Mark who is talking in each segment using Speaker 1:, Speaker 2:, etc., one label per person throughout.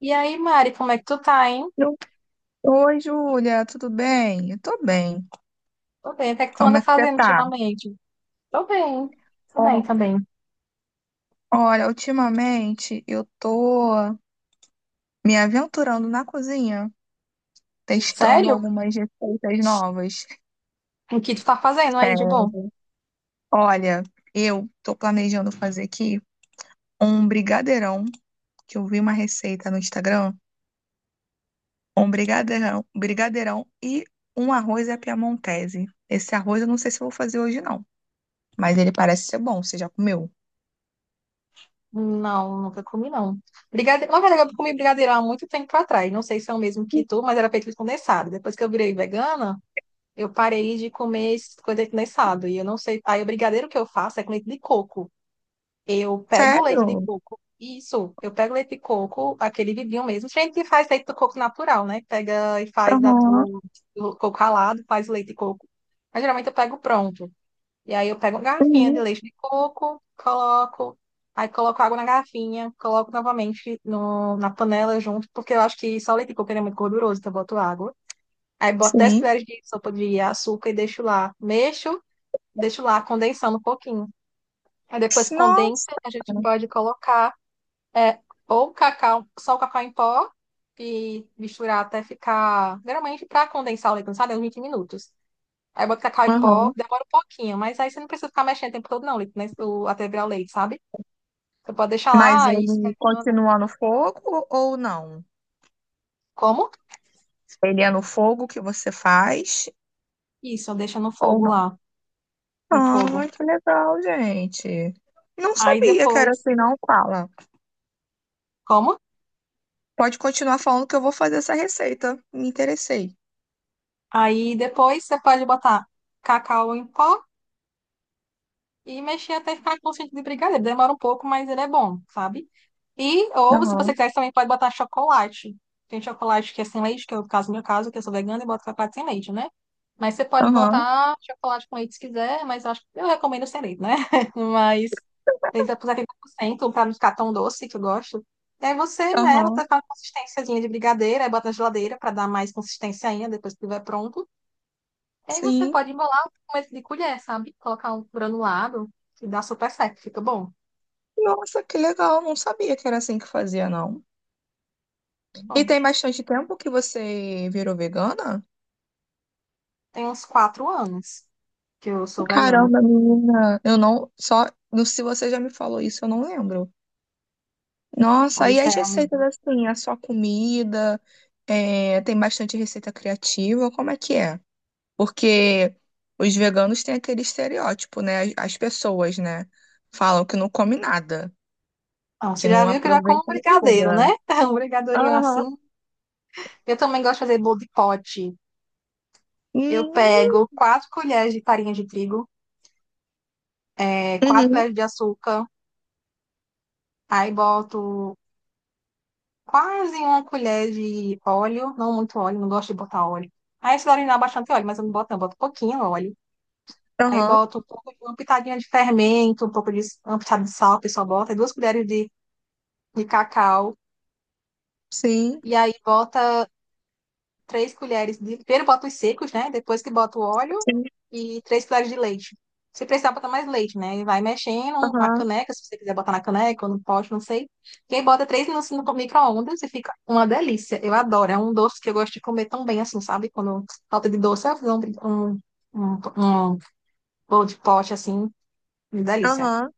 Speaker 1: E aí, Mari, como é que tu tá, hein?
Speaker 2: Eu- Oi, Júlia, tudo bem? Eu tô bem.
Speaker 1: Tô bem. O que é que tu
Speaker 2: Como
Speaker 1: anda
Speaker 2: é que você
Speaker 1: fazendo
Speaker 2: tá?
Speaker 1: ultimamente? Tô bem. Tô bem,
Speaker 2: Ó,
Speaker 1: tô bem.
Speaker 2: Olha, ultimamente eu tô me aventurando na cozinha, testando
Speaker 1: Sério?
Speaker 2: algumas receitas novas.
Speaker 1: O que tu tá fazendo aí de
Speaker 2: É,
Speaker 1: bom?
Speaker 2: olha, eu tô planejando fazer aqui um brigadeirão, que eu vi uma receita no Instagram, um brigadeirão, e um arroz à piamontese. Esse arroz eu não sei se eu vou fazer hoje não, mas ele parece ser bom, você já comeu?
Speaker 1: Não, nunca comi, não. Brigadeiro. Na verdade, eu comi brigadeiro há muito tempo atrás. Não sei se é o mesmo que tu, mas era feito de condensado. Depois que eu virei vegana, eu parei de comer esse coisa de condensado. E eu não sei. Aí o brigadeiro que eu faço é com leite de coco. Eu pego o leite de
Speaker 2: Sério?
Speaker 1: coco. Isso, eu pego o leite de coco, aquele vidinho mesmo. Tem gente que faz leite de coco natural, né? Pega e faz
Speaker 2: Aham.
Speaker 1: do coco ralado, faz o leite de coco. Mas geralmente eu pego pronto. E aí eu pego uma garrafinha de
Speaker 2: Uhum.
Speaker 1: leite de coco, coloco, aí coloco água na garrafinha, coloco novamente no, na panela junto, porque eu acho que só o leite de coco ele é muito gorduroso, então eu boto água. Aí boto 10
Speaker 2: Sim.
Speaker 1: colheres de sopa de açúcar e deixo lá. Mexo, deixo lá condensando um pouquinho. Aí depois que condensa,
Speaker 2: Nossa.
Speaker 1: a gente pode colocar é, ou cacau, só o cacau em pó e misturar até ficar. Geralmente, para condensar o leite condensado, é uns 20 minutos. Aí bota cacau em pó,
Speaker 2: Aham.
Speaker 1: demora um pouquinho, mas aí você não precisa ficar mexendo o tempo todo, não, o leite, né, até virar o leite, sabe? Você pode deixar
Speaker 2: Mas
Speaker 1: lá e
Speaker 2: ele
Speaker 1: esperando.
Speaker 2: continua no fogo ou não?
Speaker 1: Como?
Speaker 2: Ele é no fogo que você faz
Speaker 1: Isso, deixa no
Speaker 2: ou
Speaker 1: fogo
Speaker 2: não?
Speaker 1: lá, no fogo.
Speaker 2: Ah, que legal, gente. Não
Speaker 1: Aí
Speaker 2: sabia que era
Speaker 1: depois.
Speaker 2: assim, não, fala.
Speaker 1: Como?
Speaker 2: Pode continuar falando que eu vou fazer essa receita. Me interessei.
Speaker 1: Aí depois você pode botar cacau em pó e mexer até ficar com sentido de brigadeiro. Demora um pouco, mas ele é bom, sabe? Ou, se você
Speaker 2: Aham,
Speaker 1: quiser, você também pode botar chocolate. Tem chocolate que é sem leite, que é o caso, meu caso, que eu sou vegana e boto chocolate sem leite, né? Mas você pode
Speaker 2: aham,
Speaker 1: botar chocolate com leite se quiser, mas eu acho que eu recomendo sem leite, né? Mas ele vai puser 30% para não ficar tão doce, que eu gosto. E aí você mela,
Speaker 2: aham.
Speaker 1: tá com uma consistênciazinha de brigadeiro, aí bota na geladeira para dar mais consistência ainda depois que estiver pronto. E aí você
Speaker 2: Sim.
Speaker 1: pode embolar com começo de colher, sabe? Colocar um granulado e dá super certo, fica bom.
Speaker 2: Nossa, que legal. Não sabia que era assim que fazia, não. E
Speaker 1: Bom,
Speaker 2: tem bastante tempo que você virou vegana?
Speaker 1: tem uns 4 anos que eu sou vegana.
Speaker 2: Caramba, menina, eu não, só, não- se você já me falou isso, eu não lembro. Nossa, e
Speaker 1: Pois
Speaker 2: as
Speaker 1: é.
Speaker 2: receitas assim, a sua comida, tem bastante receita criativa, como é que é? Porque os veganos têm aquele estereótipo, né? As pessoas, né? Falam que não come nada,
Speaker 1: Ah, você
Speaker 2: que
Speaker 1: já
Speaker 2: não
Speaker 1: viu que eu já como
Speaker 2: aproveita
Speaker 1: brigadeiro, né?
Speaker 2: nada.
Speaker 1: Um brigadeirinho
Speaker 2: Aham.
Speaker 1: assim. Eu também gosto de fazer bolo de pote. Eu
Speaker 2: Hum.
Speaker 1: pego 4 colheres de farinha de trigo, quatro
Speaker 2: Uhum.
Speaker 1: colheres de açúcar, aí boto quase uma colher de óleo, não muito óleo, não gosto de botar óleo. Aí esse óleo dá bastante óleo, mas eu não boto, não, boto pouquinho óleo. Aí
Speaker 2: Aham.
Speaker 1: bota um pouco, de uma pitadinha de fermento, um pouco de uma pitada de sal, o pessoal bota, e 2 colheres de cacau.
Speaker 2: Sim.
Speaker 1: E aí bota 3 colheres de. Primeiro bota os secos, né? Depois que bota o óleo
Speaker 2: Sim.
Speaker 1: e 3 colheres de leite. Se precisar botar mais leite, né? E vai mexendo na
Speaker 2: Aham.
Speaker 1: caneca, se você quiser botar na caneca ou no pote, não sei. E aí bota 3 minutos no micro-ondas e fica uma delícia. Eu adoro. É um doce que eu gosto de comer tão bem assim, sabe? Quando falta de doce, eu fiz um, um bolo de pote assim, uma delícia.
Speaker 2: Aham.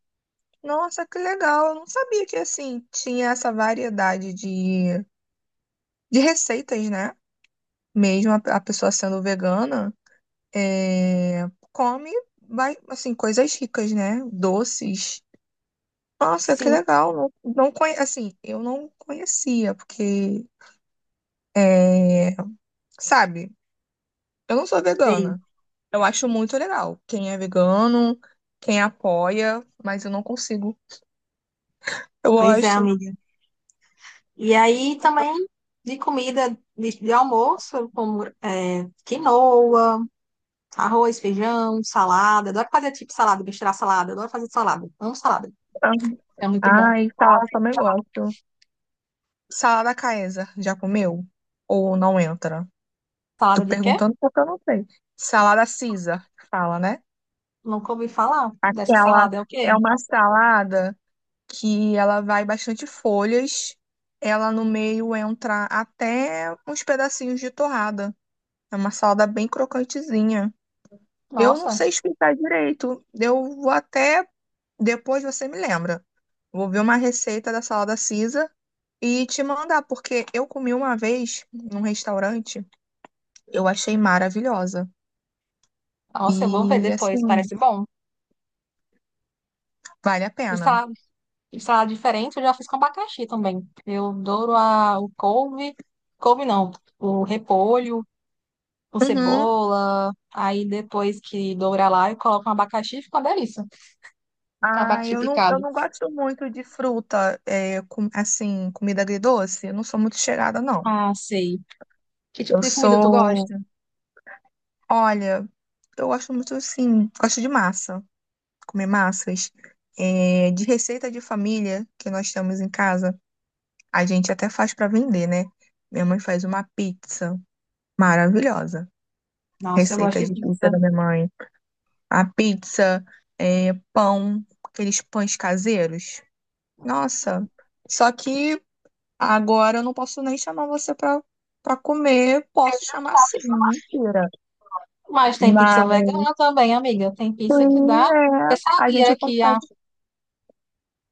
Speaker 2: Nossa, que legal. Eu não sabia que assim tinha essa variedade de receitas, né? Mesmo a pessoa sendo vegana, come, vai, assim, coisas ricas, né? Doces. Nossa, que
Speaker 1: Sim.
Speaker 2: legal. Não, não conhe... Assim, eu não conhecia, porque, é, sabe, eu não sou
Speaker 1: Sim,
Speaker 2: vegana. Eu acho muito legal. Quem é vegano, quem apoia, mas eu não consigo. Eu
Speaker 1: pois é,
Speaker 2: gosto.
Speaker 1: amiga. E aí também de comida de almoço, como é, quinoa, arroz, feijão, salada. Adoro fazer tipo salada, misturar salada. Adoro fazer salada. Amo salada. É muito bom.
Speaker 2: Ai, salada também gosto. Salada Caesar, já comeu? Ou não entra? Tô
Speaker 1: Salada de quê?
Speaker 2: perguntando porque eu não sei. Salada Caesar, que fala, né?
Speaker 1: Nunca ouvi falar dessa
Speaker 2: Aquela
Speaker 1: salada. É o
Speaker 2: é
Speaker 1: quê?
Speaker 2: uma salada que ela vai bastante folhas. Ela no meio entra até uns pedacinhos de torrada. É uma salada bem crocantezinha. Eu não
Speaker 1: Nossa,
Speaker 2: sei explicar direito. Eu vou até depois você me lembra. Vou ver uma receita da salada Caesar e te mandar, porque eu comi uma vez num restaurante, eu achei maravilhosa.
Speaker 1: nossa, eu vou ver
Speaker 2: E
Speaker 1: depois.
Speaker 2: assim,
Speaker 1: Parece bom.
Speaker 2: vale a
Speaker 1: E
Speaker 2: pena.
Speaker 1: salada, e salada diferente, eu já fiz com abacaxi também. Eu adoro o couve. Couve não, o repolho, com
Speaker 2: Uhum.
Speaker 1: cebola. Aí depois que dourar lá, eu coloco um abacaxi e fica uma delícia. Fica um
Speaker 2: Ah,
Speaker 1: abacaxi
Speaker 2: eu
Speaker 1: picado.
Speaker 2: não gosto muito de fruta, assim, comida agridoce. Eu não sou muito chegada não.
Speaker 1: Ah, sei. Que tipo
Speaker 2: Eu
Speaker 1: de comida tu
Speaker 2: sou,
Speaker 1: gosta?
Speaker 2: olha, eu gosto muito, assim, gosto de massa, comer massas. É, de receita de família que nós temos em casa, a gente até faz para vender, né? Minha mãe faz uma pizza maravilhosa.
Speaker 1: Nossa, eu gosto
Speaker 2: Receita
Speaker 1: de
Speaker 2: de pizza
Speaker 1: pizza.
Speaker 2: da minha mãe. A pizza, é, pão, aqueles pães caseiros. Nossa, só que agora eu não posso nem chamar você para comer, posso chamar sim, mentira.
Speaker 1: Mas tem pizza
Speaker 2: Mas
Speaker 1: vegana também, amiga. Tem pizza que
Speaker 2: sim,
Speaker 1: dá.
Speaker 2: é,
Speaker 1: Você
Speaker 2: a gente
Speaker 1: sabia que a,
Speaker 2: consegue.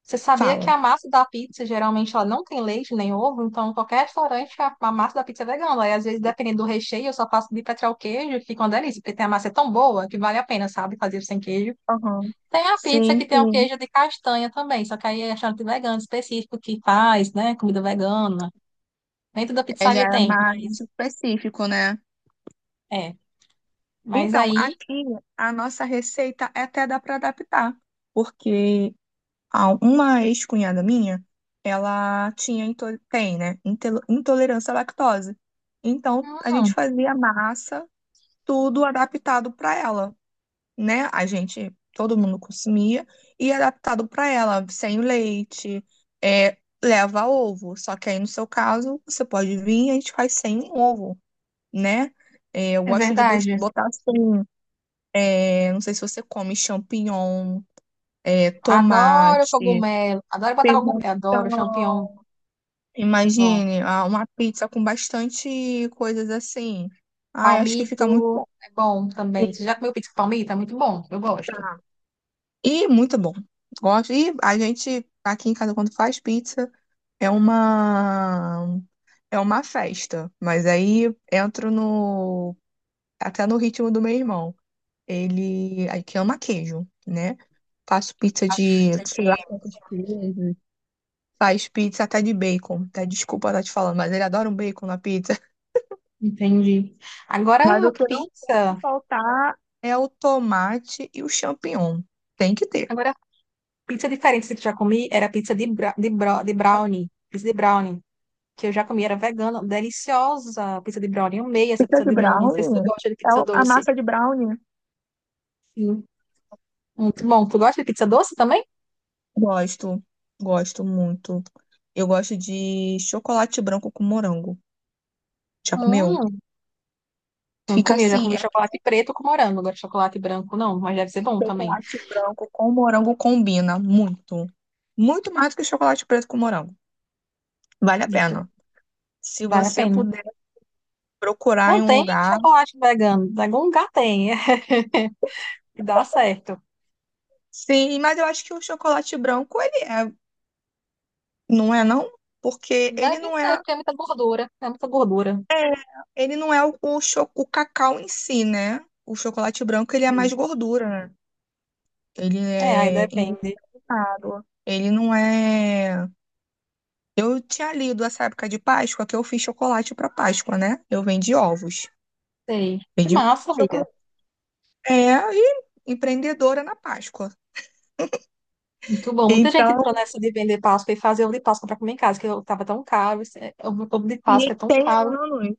Speaker 1: você sabia que
Speaker 2: Fala.
Speaker 1: a massa da pizza geralmente ela não tem leite nem ovo, então qualquer restaurante a massa da pizza é vegana. Aí às vezes dependendo do recheio, eu só faço de petróleo queijo, que fica uma delícia, porque tem a massa é tão boa que vale a pena, sabe, fazer sem queijo.
Speaker 2: Aham.
Speaker 1: Tem a pizza
Speaker 2: Sim,
Speaker 1: que tem o
Speaker 2: sim.
Speaker 1: queijo de castanha também, só que aí é restaurante vegano específico que faz, né? Comida vegana. Nem toda
Speaker 2: É, já
Speaker 1: pizzaria
Speaker 2: é
Speaker 1: tem,
Speaker 2: mais
Speaker 1: mas
Speaker 2: específico, né?
Speaker 1: é. Mas
Speaker 2: Então,
Speaker 1: aí,
Speaker 2: aqui a nossa receita até dá para adaptar, porque uma ex-cunhada minha, tem, né, intolerância à lactose. Então, a gente
Speaker 1: hum,
Speaker 2: fazia massa, tudo adaptado para ela. Né? A gente, todo mundo consumia, e é adaptado para ela, sem leite, é, leva ovo. Só que aí, no seu caso, você pode vir e a gente faz sem ovo, né? É, eu
Speaker 1: é
Speaker 2: gosto de
Speaker 1: verdade.
Speaker 2: botar assim, é, não sei se você come champignon, é,
Speaker 1: Adoro
Speaker 2: tomate,
Speaker 1: cogumelo, adoro botar cogumelo, adoro champignon,
Speaker 2: pimentão.
Speaker 1: bom.
Speaker 2: Imagine, ah, uma pizza com bastante coisas assim. Ai, acho que fica muito
Speaker 1: Palmito
Speaker 2: bom.
Speaker 1: é bom também. Você já comeu pizza com palmito? É muito bom, eu gosto.
Speaker 2: E muito bom. Gosto. E a gente, aqui em casa, quando faz pizza, é uma é uma festa. Mas aí entro no até no ritmo do meu irmão. Ele aí que ama queijo, né? Faço pizza
Speaker 1: Acho que
Speaker 2: de,
Speaker 1: pizza
Speaker 2: sei lá
Speaker 1: de-
Speaker 2: quantos queijos. Faz pizza até de bacon. Até desculpa estar te falando, mas ele adora um bacon na pizza.
Speaker 1: Entendi. Agora
Speaker 2: Mas o que não pode
Speaker 1: pizza,
Speaker 2: faltar é o tomate e o champignon. Tem que ter.
Speaker 1: agora pizza diferente que eu já comi era pizza de brownie, pizza de brownie. Que eu já comi, era vegana, deliciosa, pizza de brownie, amei essa
Speaker 2: Pizza
Speaker 1: pizza
Speaker 2: de
Speaker 1: de brownie, não sei se tu
Speaker 2: brownie.
Speaker 1: gosta de
Speaker 2: É
Speaker 1: pizza
Speaker 2: a
Speaker 1: doce.
Speaker 2: massa de brownie.
Speaker 1: Sim. Muito bom, tu gosta de pizza doce também?
Speaker 2: Gosto, gosto muito. Eu gosto de chocolate branco com morango. Já comeu?
Speaker 1: Hum, não
Speaker 2: Fica
Speaker 1: comi, eu já
Speaker 2: assim,
Speaker 1: comi
Speaker 2: é que
Speaker 1: chocolate preto com morango, agora chocolate branco não, mas deve ser bom também.
Speaker 2: chocolate branco com morango combina muito. Muito mais do que chocolate preto com morango. Vale a
Speaker 1: Muito.
Speaker 2: pena. Se
Speaker 1: Vale a
Speaker 2: você
Speaker 1: pena.
Speaker 2: puder procurar
Speaker 1: Não
Speaker 2: em um
Speaker 1: tem
Speaker 2: lugar.
Speaker 1: chocolate vegano, em algum lugar tem, e dá certo.
Speaker 2: Sim, mas eu acho que o chocolate branco, ele é, não é não? Porque
Speaker 1: Deve ser, porque é muita gordura, é muita gordura.
Speaker 2: ele não é o cacau em si, né? O chocolate branco, ele é mais
Speaker 1: Hum.
Speaker 2: gordura, né? Ele
Speaker 1: É, aí
Speaker 2: é
Speaker 1: depende.
Speaker 2: claro. Ele não é. Eu tinha lido essa época de Páscoa que eu fiz chocolate para Páscoa, né? Eu vendi ovos.
Speaker 1: Sei. Que
Speaker 2: Vendi
Speaker 1: massa, amiga.
Speaker 2: chocolate. É, e empreendedora na Páscoa.
Speaker 1: Muito bom. Muita gente entrou
Speaker 2: Então,
Speaker 1: nessa de vender Páscoa e fazer ovo de Páscoa para comer em casa, que eu tava tão caro. Ovo de Páscoa
Speaker 2: e
Speaker 1: é tão
Speaker 2: tem
Speaker 1: caro.
Speaker 2: anos.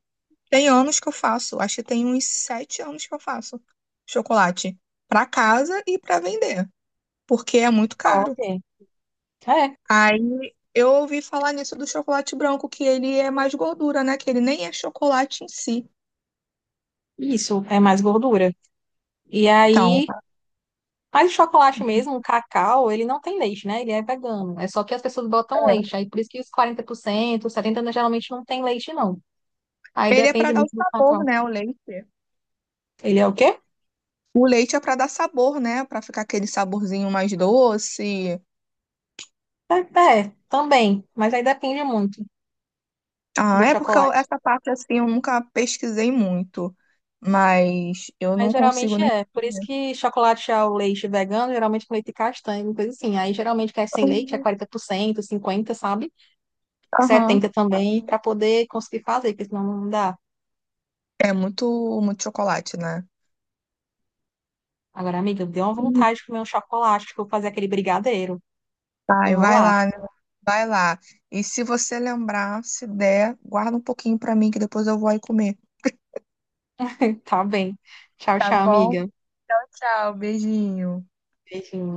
Speaker 2: Tem anos que eu faço. Acho que tem uns 7 anos que eu faço chocolate para casa e para vender, porque é muito
Speaker 1: Top.
Speaker 2: caro.
Speaker 1: É,
Speaker 2: Aí eu ouvi falar nisso do chocolate branco, que ele é mais gordura, né? Que ele nem é chocolate em si.
Speaker 1: isso, é mais gordura. E
Speaker 2: Então,
Speaker 1: aí, mas o chocolate mesmo, o cacau, ele não tem leite, né? Ele é vegano. É só que as pessoas botam leite. Aí por isso que os 40%, 70% geralmente não tem leite, não. Aí
Speaker 2: ele é para
Speaker 1: depende
Speaker 2: dar o
Speaker 1: muito do
Speaker 2: sabor,
Speaker 1: cacau.
Speaker 2: né, o leite.
Speaker 1: Ele é o quê?
Speaker 2: O leite é para dar sabor, né, para ficar aquele saborzinho mais doce.
Speaker 1: É, é, também. Mas aí depende muito do
Speaker 2: Ah, é porque
Speaker 1: chocolate.
Speaker 2: essa parte assim eu nunca pesquisei muito, mas eu
Speaker 1: Mas
Speaker 2: não consigo
Speaker 1: geralmente
Speaker 2: nem
Speaker 1: é. Por isso que chocolate ao leite vegano, geralmente com leite castanho, coisa assim. Aí geralmente quer sem leite, é
Speaker 2: comer.
Speaker 1: 40%, 50%, sabe?
Speaker 2: Aham.
Speaker 1: 70% também, para poder conseguir fazer, porque senão não dá.
Speaker 2: É muito, muito chocolate, né?
Speaker 1: Agora, amiga, deu uma
Speaker 2: Hum.
Speaker 1: vontade de comer um chocolate, que eu vou fazer aquele brigadeiro. Eu
Speaker 2: Vai,
Speaker 1: vou
Speaker 2: vai
Speaker 1: lá.
Speaker 2: lá, né? Vai lá. E se você lembrar, se der, guarda um pouquinho para mim que depois eu vou aí comer.
Speaker 1: Tá bem. Tchau,
Speaker 2: Tá
Speaker 1: tchau,
Speaker 2: bom?
Speaker 1: amiga.
Speaker 2: Tchau, tchau. Beijinho.
Speaker 1: Beijinho.